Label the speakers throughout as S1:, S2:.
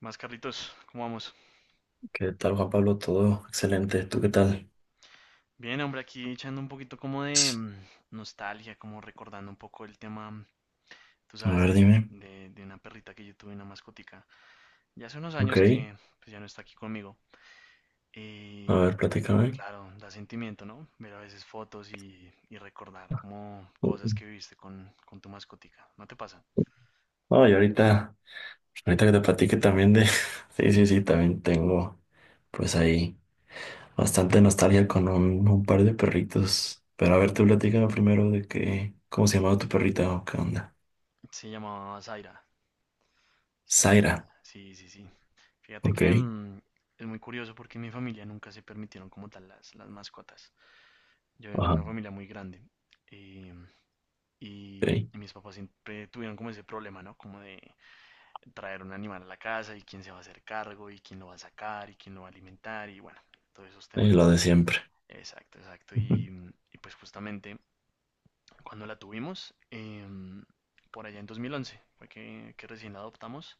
S1: ¿Qué más, Carlitos? ¿Cómo vamos?
S2: ¿Qué tal, Juan Pablo? Todo excelente. ¿Tú qué tal?
S1: Bien, hombre, aquí echando un poquito como de nostalgia, como recordando un poco el tema, tú
S2: A
S1: sabes,
S2: ver,
S1: de,
S2: dime.
S1: de, de una perrita que yo tuve, una mascotica. Ya hace unos
S2: Ok.
S1: años que pues, ya no está aquí conmigo.
S2: A
S1: Y
S2: ver, platícame.
S1: claro, da sentimiento, ¿no? Ver a veces fotos y recordar como cosas que viviste con tu mascotica. ¿No te pasa?
S2: No, y ahorita, ahorita que te platique también de... Sí, sí, sí, también tengo pues ahí bastante nostalgia con un par de perritos. Pero a ver, tú platícame primero de qué... ¿Cómo se llamaba tu perrita o qué onda?
S1: Se llamaba Zaira. Zaira,
S2: Zaira.
S1: Zaira. Sí, sí, sí. Fíjate
S2: Ok.
S1: que es muy curioso porque en mi familia nunca se permitieron como tal las mascotas. Yo vengo de
S2: Ajá.
S1: una familia muy grande eh, y,
S2: Ok.
S1: y mis papás siempre tuvieron como ese problema, ¿no? Como de traer un animal a la casa y quién se va a hacer cargo y quién lo va a sacar y quién lo va a alimentar y bueno, todos esos temas,
S2: Sí, lo
S1: ¿no?
S2: de siempre.
S1: Exacto, exacto. Y, y pues justamente cuando la tuvimos, por allá en 2011, fue que recién la adoptamos,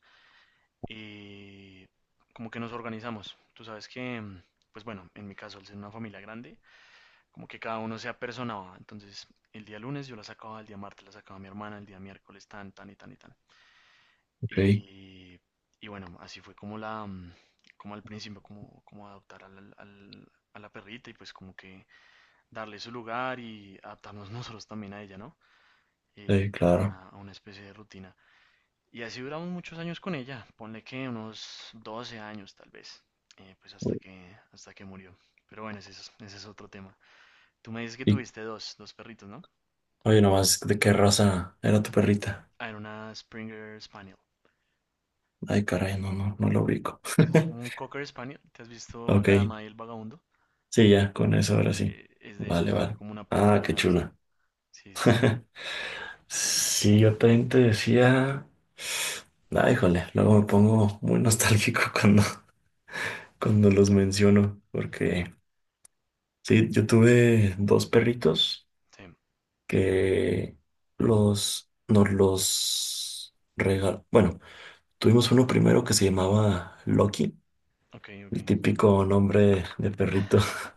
S1: eh, como que nos organizamos. Tú sabes que, pues bueno, en mi caso, al ser una familia grande, como que cada uno se apersonaba. Entonces, el día lunes yo la sacaba, el día martes la sacaba mi hermana, el día miércoles tan, tan y tan y tan.
S2: Ok.
S1: Y, y bueno, así fue como al principio, como adoptar a la perrita y pues como que darle su lugar y adaptarnos nosotros también a ella, ¿no?
S2: Sí,
S1: Eh, a
S2: claro.
S1: una, a una especie de rutina. Y así duramos muchos años con ella, ponle que unos 12 años tal vez, pues hasta que murió. Pero bueno, ese es otro tema. Tú me dices que
S2: Y,
S1: tuviste dos perritos, ¿no?
S2: oye, nomás, ¿de qué raza era tu perrita?
S1: Ah, era una Springer Spaniel.
S2: Ay, caray, no, no, no lo ubico.
S1: Sí, es como un Cocker Spaniel. ¿Te has visto La
S2: Ok,
S1: Dama y el Vagabundo?
S2: sí, ya, con eso ahora sí.
S1: Es de esa,
S2: Vale, vale.
S1: como una prima
S2: Ah, qué
S1: hermana de esa.
S2: chula.
S1: Sí, sí, sí.
S2: Sí, yo también te decía. Ah, híjole, luego me pongo muy nostálgico cuando, cuando los menciono, porque sí, yo tuve dos perritos
S1: Sí,
S2: que los, nos los regal... Bueno, tuvimos uno primero que se llamaba Loki,
S1: ok, ok.
S2: el típico nombre de perrito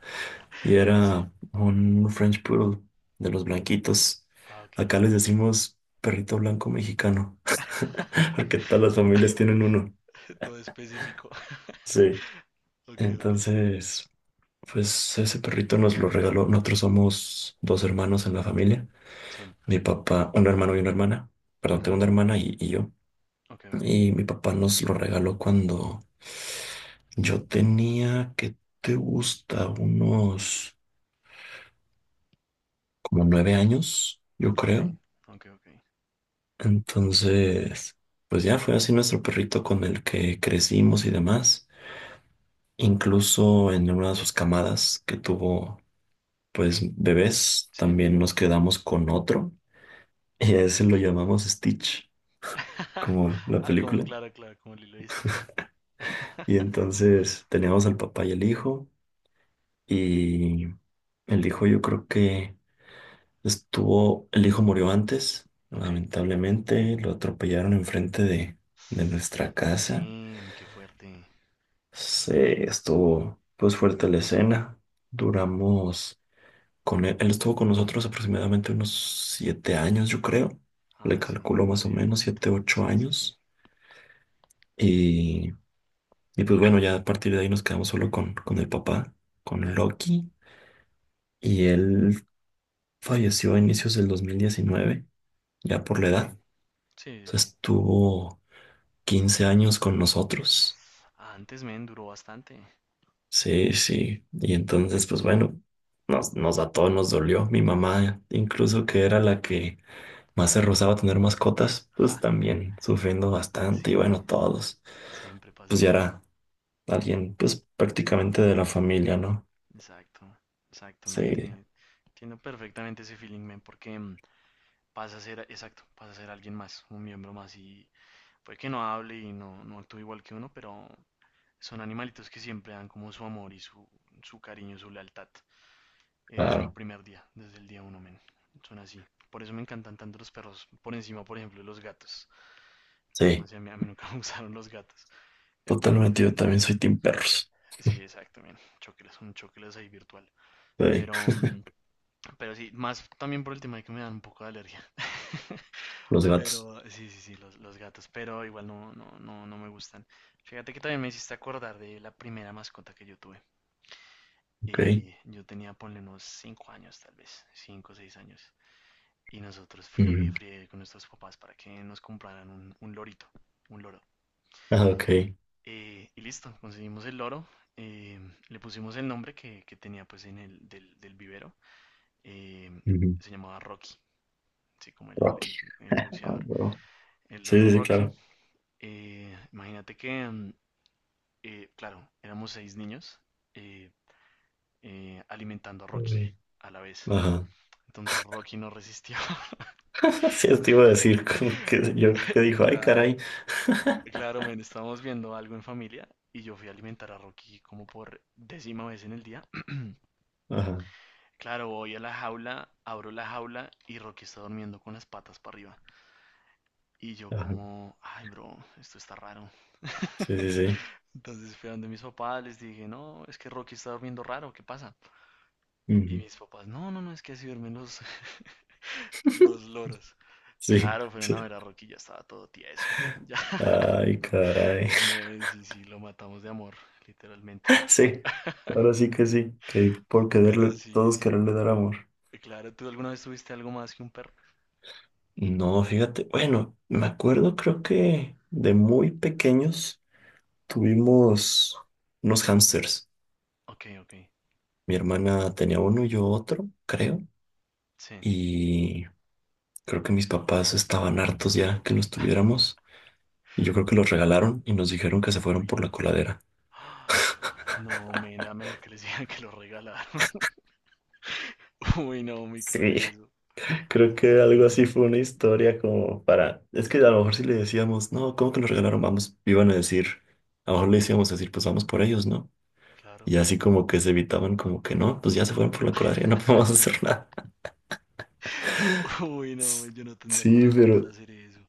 S2: y
S1: Sí.
S2: era un French Poodle de los blanquitos.
S1: Ah, ok,
S2: Acá
S1: ok.
S2: les decimos perrito blanco mexicano, porque todas las familias tienen uno.
S1: Todo específico.
S2: Sí.
S1: Ok, ok.
S2: Entonces, pues ese perrito nos lo regaló. Nosotros somos dos hermanos en la familia.
S1: Sí.
S2: Mi papá, un hermano y una hermana. Perdón, tengo
S1: Ujú,
S2: una hermana y yo.
S1: ok, ok.
S2: Y mi papá nos lo regaló cuando yo tenía, ¿qué te gusta? Unos como 9 años, yo
S1: Ok,
S2: creo.
S1: ok, ok.
S2: Entonces, pues ya fue así nuestro perrito con el que crecimos y demás. Incluso en una de sus camadas que tuvo, pues, bebés,
S1: Sí.
S2: también nos quedamos con otro y a ese lo llamamos Stitch, como la
S1: Ah, como
S2: película.
S1: claro, claro, como Lilo y Stitch.
S2: Y entonces teníamos al papá y el hijo yo creo que estuvo, el hijo murió antes,
S1: Ok.
S2: lamentablemente, lo atropellaron enfrente de nuestra casa.
S1: Damn, qué fuerte.
S2: Sí, estuvo pues fuerte la escena. Duramos con él, él estuvo con nosotros aproximadamente unos 7 años, yo creo. Le
S1: Ah, sí,
S2: calculo más
S1: más
S2: o
S1: bien
S2: menos
S1: poquito.
S2: siete, ocho
S1: Sí, sí, sí.
S2: años. Y, y pues bueno, ya a partir de ahí nos quedamos solo con el papá, con
S1: Claro,
S2: Loki. Y él falleció a inicios del 2019, ya por la
S1: ok,
S2: edad.
S1: sí,
S2: O
S1: sí,
S2: sea,
S1: sí.
S2: estuvo 15 años con nosotros.
S1: Ah, antes men duró bastante.
S2: Sí, sí. Y entonces, pues bueno, nos, nos a todos nos dolió. Mi mamá, incluso que era la que más se rozaba a tener mascotas,
S1: Ja,
S2: pues también sufriendo bastante. Y bueno,
S1: siempre,
S2: todos,
S1: siempre pasa
S2: pues ya
S1: eso.
S2: era alguien, pues prácticamente de la familia, ¿no?
S1: Exacto, exactamente.
S2: Sí,
S1: Entiendo perfectamente ese feeling, men, porque pasa a ser, exacto, pasa a ser alguien más, un miembro más y puede que no hable y no actúe igual que uno, pero son animalitos que siempre dan como su amor y su cariño, su lealtad, desde el
S2: claro.
S1: primer día, desde el día uno, men. Son así. Por eso me encantan tanto los perros, por encima, por ejemplo, de los gatos. No
S2: Sí,
S1: sé, a mí nunca me gustaron los gatos. Bueno,
S2: totalmente. Yo también soy team perros.
S1: sí, exacto, bien. Chocles, un chocles ahí virtual.
S2: Sí,
S1: Pero, mm, pero sí, más también por el tema de que me dan un poco de alergia.
S2: los gatos.
S1: Pero sí, sí, sí, los gatos. Pero igual no, no, no, no me gustan. Fíjate que también me hiciste acordar de la primera mascota que yo tuve.
S2: Ok.
S1: Y yo tenía, ponle unos 5 años, tal vez, 5, o 6 años. Y nosotros friegue y
S2: Ujú.
S1: friegue con nuestros papás para que nos compraran un lorito, un loro.
S2: Ah, ok.
S1: Y listo, conseguimos el loro. eh, le pusimos el nombre que tenía pues en el del vivero. eh,
S2: Ujú.
S1: se llamaba Rocky, así como el,
S2: Rocky.
S1: el- el
S2: Ah,
S1: boxeador,
S2: bro.
S1: el
S2: Sí,
S1: loro
S2: sí, sí,
S1: Rocky.
S2: claro.
S1: Imagínate que, claro, éramos seis niños, eh, alimentando a Rocky
S2: Ok.
S1: a la vez.
S2: Ajá.
S1: Entonces Rocky no resistió.
S2: Sí, te iba a decir, como que yo creo que
S1: Y
S2: dijo, ay,
S1: claro,
S2: caray.
S1: claro, men, estábamos viendo algo en familia y yo fui a alimentar a Rocky como por décima vez en el día.
S2: Ajá,
S1: Claro, voy a la jaula, abro la jaula y Rocky está durmiendo con las patas para arriba. Y yo
S2: ajá.
S1: como, ay, bro, esto está raro.
S2: Sí, sí, sí.
S1: Entonces fui a donde mis papás, les dije, no, es que Rocky está durmiendo raro, ¿qué pasa? Y
S2: Ujú.
S1: mis papás, no, no, no, es que así duermen los, los loros.
S2: Sí,
S1: Claro, fueron
S2: sí.
S1: a ver a Rocky, ya estaba todo tieso. Ya,
S2: Ay, caray.
S1: sí, sí, lo matamos de amor, literalmente.
S2: Sí, ahora sí, que por
S1: Pero
S2: quererle,
S1: sí,
S2: todos
S1: sí,
S2: quererle dar amor.
S1: claro, ¿tú alguna vez tuviste algo más que un perro?
S2: No, fíjate, bueno, me acuerdo, creo que de muy pequeños tuvimos unos hámsters.
S1: Ok, ok,
S2: Mi hermana tenía uno y yo otro, creo,
S1: sí.
S2: y creo que mis papás estaban hartos ya que los tuviéramos. Y yo creo que los regalaron y nos dijeron que se fueron
S1: Uy,
S2: por la coladera.
S1: no, men, era mejor que les digan que lo regalaron. Uy, no, muy cruel
S2: Sí,
S1: eso.
S2: creo que
S1: No,
S2: algo
S1: no,
S2: así fue
S1: no.
S2: una historia como para... Es que a lo mejor si le decíamos, no, ¿cómo que nos regalaron? Vamos, iban a decir, a lo mejor le decíamos decir, pues vamos por ellos, ¿no?
S1: Claro.
S2: Y así como que se evitaban como que no, pues ya se fueron por la coladera, ya no podemos hacer nada.
S1: Uy, no, men,
S2: S-
S1: yo no tendría
S2: Sí,
S1: corazón para
S2: pero
S1: hacer eso.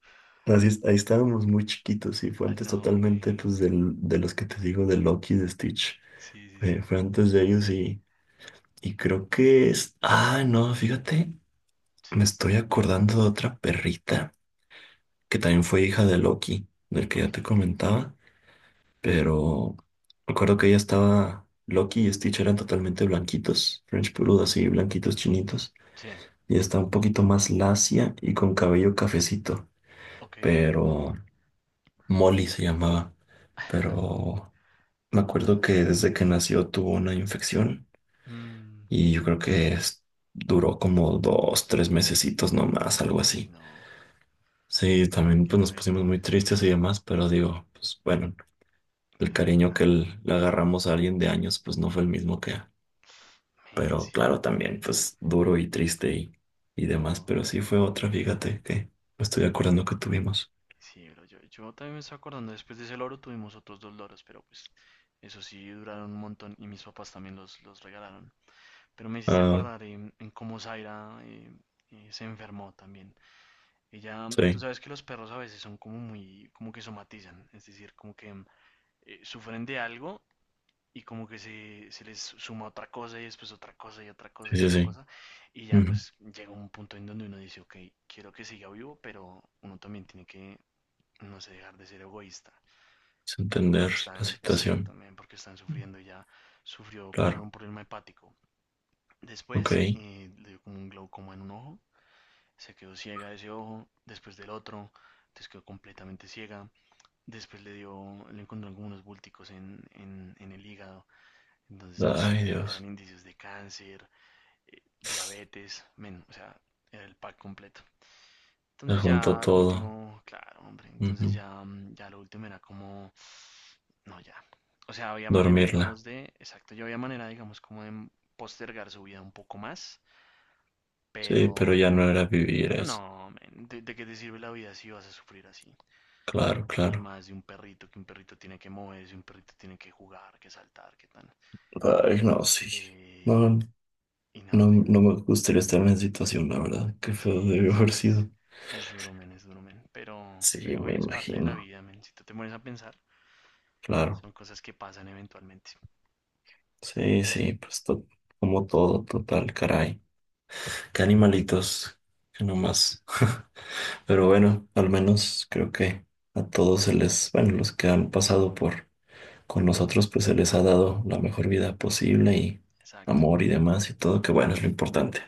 S2: así, es- ahí estábamos muy chiquitos y fue
S1: Ah,
S2: antes
S1: no,
S2: totalmente
S1: men.
S2: pues del, de los que te digo, de Loki de Stitch.
S1: Sí, sí,
S2: Fue,
S1: sí.
S2: fue antes de ellos y creo que es... Ah, no, fíjate.
S1: Sí.
S2: Me estoy acordando de otra perrita que también fue hija de Loki, del que ya
S1: Ok.
S2: te comentaba, pero recuerdo que ella estaba, Loki y Stitch eran totalmente blanquitos, French Poodle así, blanquitos chinitos,
S1: Sí.
S2: y está un poquito más lacia y con cabello cafecito,
S1: Ok.
S2: pero Molly se llamaba, pero me acuerdo
S1: Pata.
S2: que desde que nació tuvo una infección
S1: Mm.
S2: y yo creo que es- duró como 2, 3 mesecitos nomás, algo
S1: Uy,
S2: así.
S1: no.
S2: Sí, también
S1: Qué
S2: pues nos pusimos
S1: fuerte.
S2: muy tristes y demás, pero digo, pues bueno, el
S1: Claro,
S2: cariño que
S1: claro.
S2: le agarramos a alguien de años, pues no fue el mismo que,
S1: Men,
S2: pero
S1: sí.
S2: claro, también pues duro y triste y demás,
S1: No.
S2: pero sí fue otra, fíjate, que me estoy acordando que tuvimos.
S1: Sí, bro. Yo también me estoy acordando. Después de ese loro tuvimos otros dos loros, pero pues. Eso sí, duraron un montón. Y mis papás también los regalaron. Pero me hiciste
S2: Ah,
S1: acordar en cómo Zaira se enfermó también. Ella, tú
S2: sí,
S1: sabes que los perros a veces son como muy, como que somatizan, es decir, como que sufren de algo y como que se les suma otra cosa y después otra cosa y otra cosa
S2: sí,
S1: y
S2: sí,
S1: otra
S2: sí.
S1: cosa. Y ya
S2: Ujú.
S1: pues llega un punto en donde uno dice, ok, quiero que siga vivo, pero uno también tiene que, no sé, dejar de ser egoísta.
S2: Es
S1: eh,
S2: entender
S1: porque
S2: la
S1: están,
S2: situación.
S1: exactamente, porque están sufriendo. Ella sufrió primero
S2: Claro,
S1: un problema hepático.
S2: ok.
S1: Después le dio como un glaucoma en un ojo, se quedó ciega de ese ojo, después del otro, entonces quedó completamente ciega. Después le dio, le encontraron como unos búlticos en el hígado, entonces pues
S2: Ay,
S1: eran
S2: Dios,
S1: indicios de cáncer, diabetes, men, o sea, era el pack completo.
S2: se
S1: Entonces
S2: juntó
S1: ya lo
S2: todo.
S1: último, claro, hombre, entonces
S2: Ujú.
S1: ya lo último era como, no, ya. O sea, había manera,
S2: Dormirla.
S1: digamos, de, exacto, yo había manera, digamos, como de postergar su vida un poco más.
S2: Sí,
S1: Pero,
S2: pero ya no era vivir
S1: pero,
S2: eso.
S1: no, men, ¿de qué te sirve la vida si vas a sufrir así?
S2: Claro,
S1: Y
S2: claro.
S1: más de un perrito, que un perrito tiene que moverse, un perrito tiene que jugar, que saltar, que tal.
S2: Ay, no, sí.
S1: Eh,
S2: No, no,
S1: y nada, men.
S2: no me gustaría estar en esa situación, la verdad. Qué feo
S1: Sí,
S2: debe
S1: sí,
S2: haber
S1: es,
S2: sido.
S1: es duro, men, es duro, men.
S2: Sí,
S1: Pero
S2: me
S1: bueno, es parte de la
S2: imagino.
S1: vida, men. Si tú te pones a pensar,
S2: Claro.
S1: son cosas que pasan eventualmente.
S2: Sí, sí, pues to- como todo, total, caray. Qué animalitos, que nomás. Pero bueno, al menos creo que a todos se les, bueno, los que han pasado por con nosotros, pues se les ha dado la mejor vida posible y
S1: Exacto,
S2: amor y demás y todo, que bueno, es lo importante,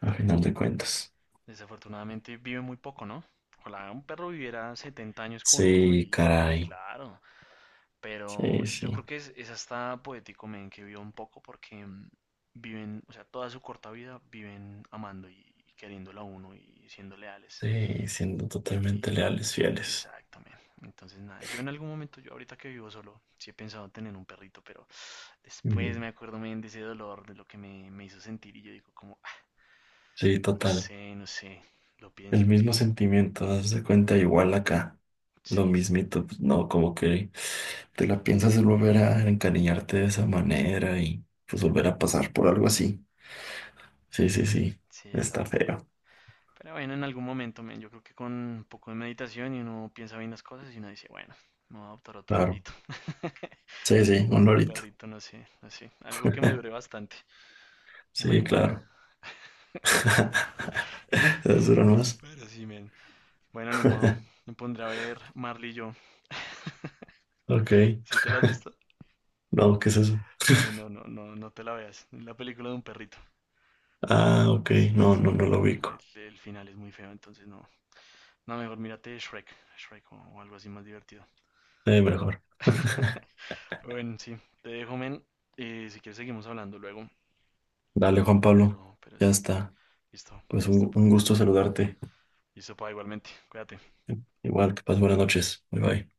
S2: a
S1: men.
S2: final de cuentas.
S1: Desafortunadamente vive muy poco, ¿no? Ojalá un perro viviera 70 años con uno
S2: Sí,
S1: y
S2: caray.
S1: claro. Pero
S2: Sí, sí.
S1: yo creo que es hasta poético, men, que viva un poco porque viven, o sea, toda su corta vida viven amando y queriéndolo a uno y siendo leales.
S2: Sí, siendo totalmente
S1: Y
S2: leales, fieles.
S1: exactamente. Entonces, nada, yo en algún momento, yo ahorita que vivo solo, sí he pensado en tener un perrito, pero después
S2: Ujú.
S1: me acuerdo men, de ese dolor, de lo que me hizo sentir y yo digo como, "Ah,
S2: Sí,
S1: no
S2: total.
S1: sé, no sé, lo pienso,
S2: El
S1: lo
S2: mismo
S1: pienso."
S2: sentimiento, haz de cuenta igual acá. Lo
S1: Sí, sí.
S2: mismito, pues, no, como que te la piensas volver a encariñarte de esa manera y pues volver a pasar por algo así. Sí, sí, sí.
S1: Sí,
S2: Está
S1: exacto, no.
S2: feo.
S1: Pero bueno, en algún momento, men, yo creo que con un poco de meditación y uno piensa bien las cosas y uno dice, bueno, me voy a adoptar otro
S2: Claro.
S1: lorito.
S2: Sí,
S1: O
S2: sí, un
S1: bueno, un
S2: lorito.
S1: perrito, no sé, no sé. Algo que me dure bastante. Una
S2: Sí,
S1: iguana.
S2: claro. ¿Esas duran más?
S1: Pero sí, men. Bueno, ni modo. Me pondré a ver Marley y yo.
S2: Ok.
S1: ¿Sí te la has visto?
S2: No, ¿qué es eso?
S1: Bueno, no, no, no te la veas. Es la película de un perrito.
S2: Ah, ok.
S1: Sí, sí,
S2: No,
S1: sí,
S2: no, no
S1: pero
S2: lo
S1: no.
S2: ubico.
S1: El final es muy feo, entonces no. No, mejor mírate Shrek. Shrek o algo así más divertido.
S2: Mejor.
S1: Bueno, sí, te dejo, men. Si quieres seguimos hablando luego,
S2: Dale, Juan Pablo.
S1: pero,
S2: Ya
S1: sí,
S2: está.
S1: listo,
S2: Pues
S1: listo, pa.
S2: un gusto saludarte.
S1: Listo, pa, igualmente. Cuídate.
S2: Igual, que pases buenas noches. Bye bye.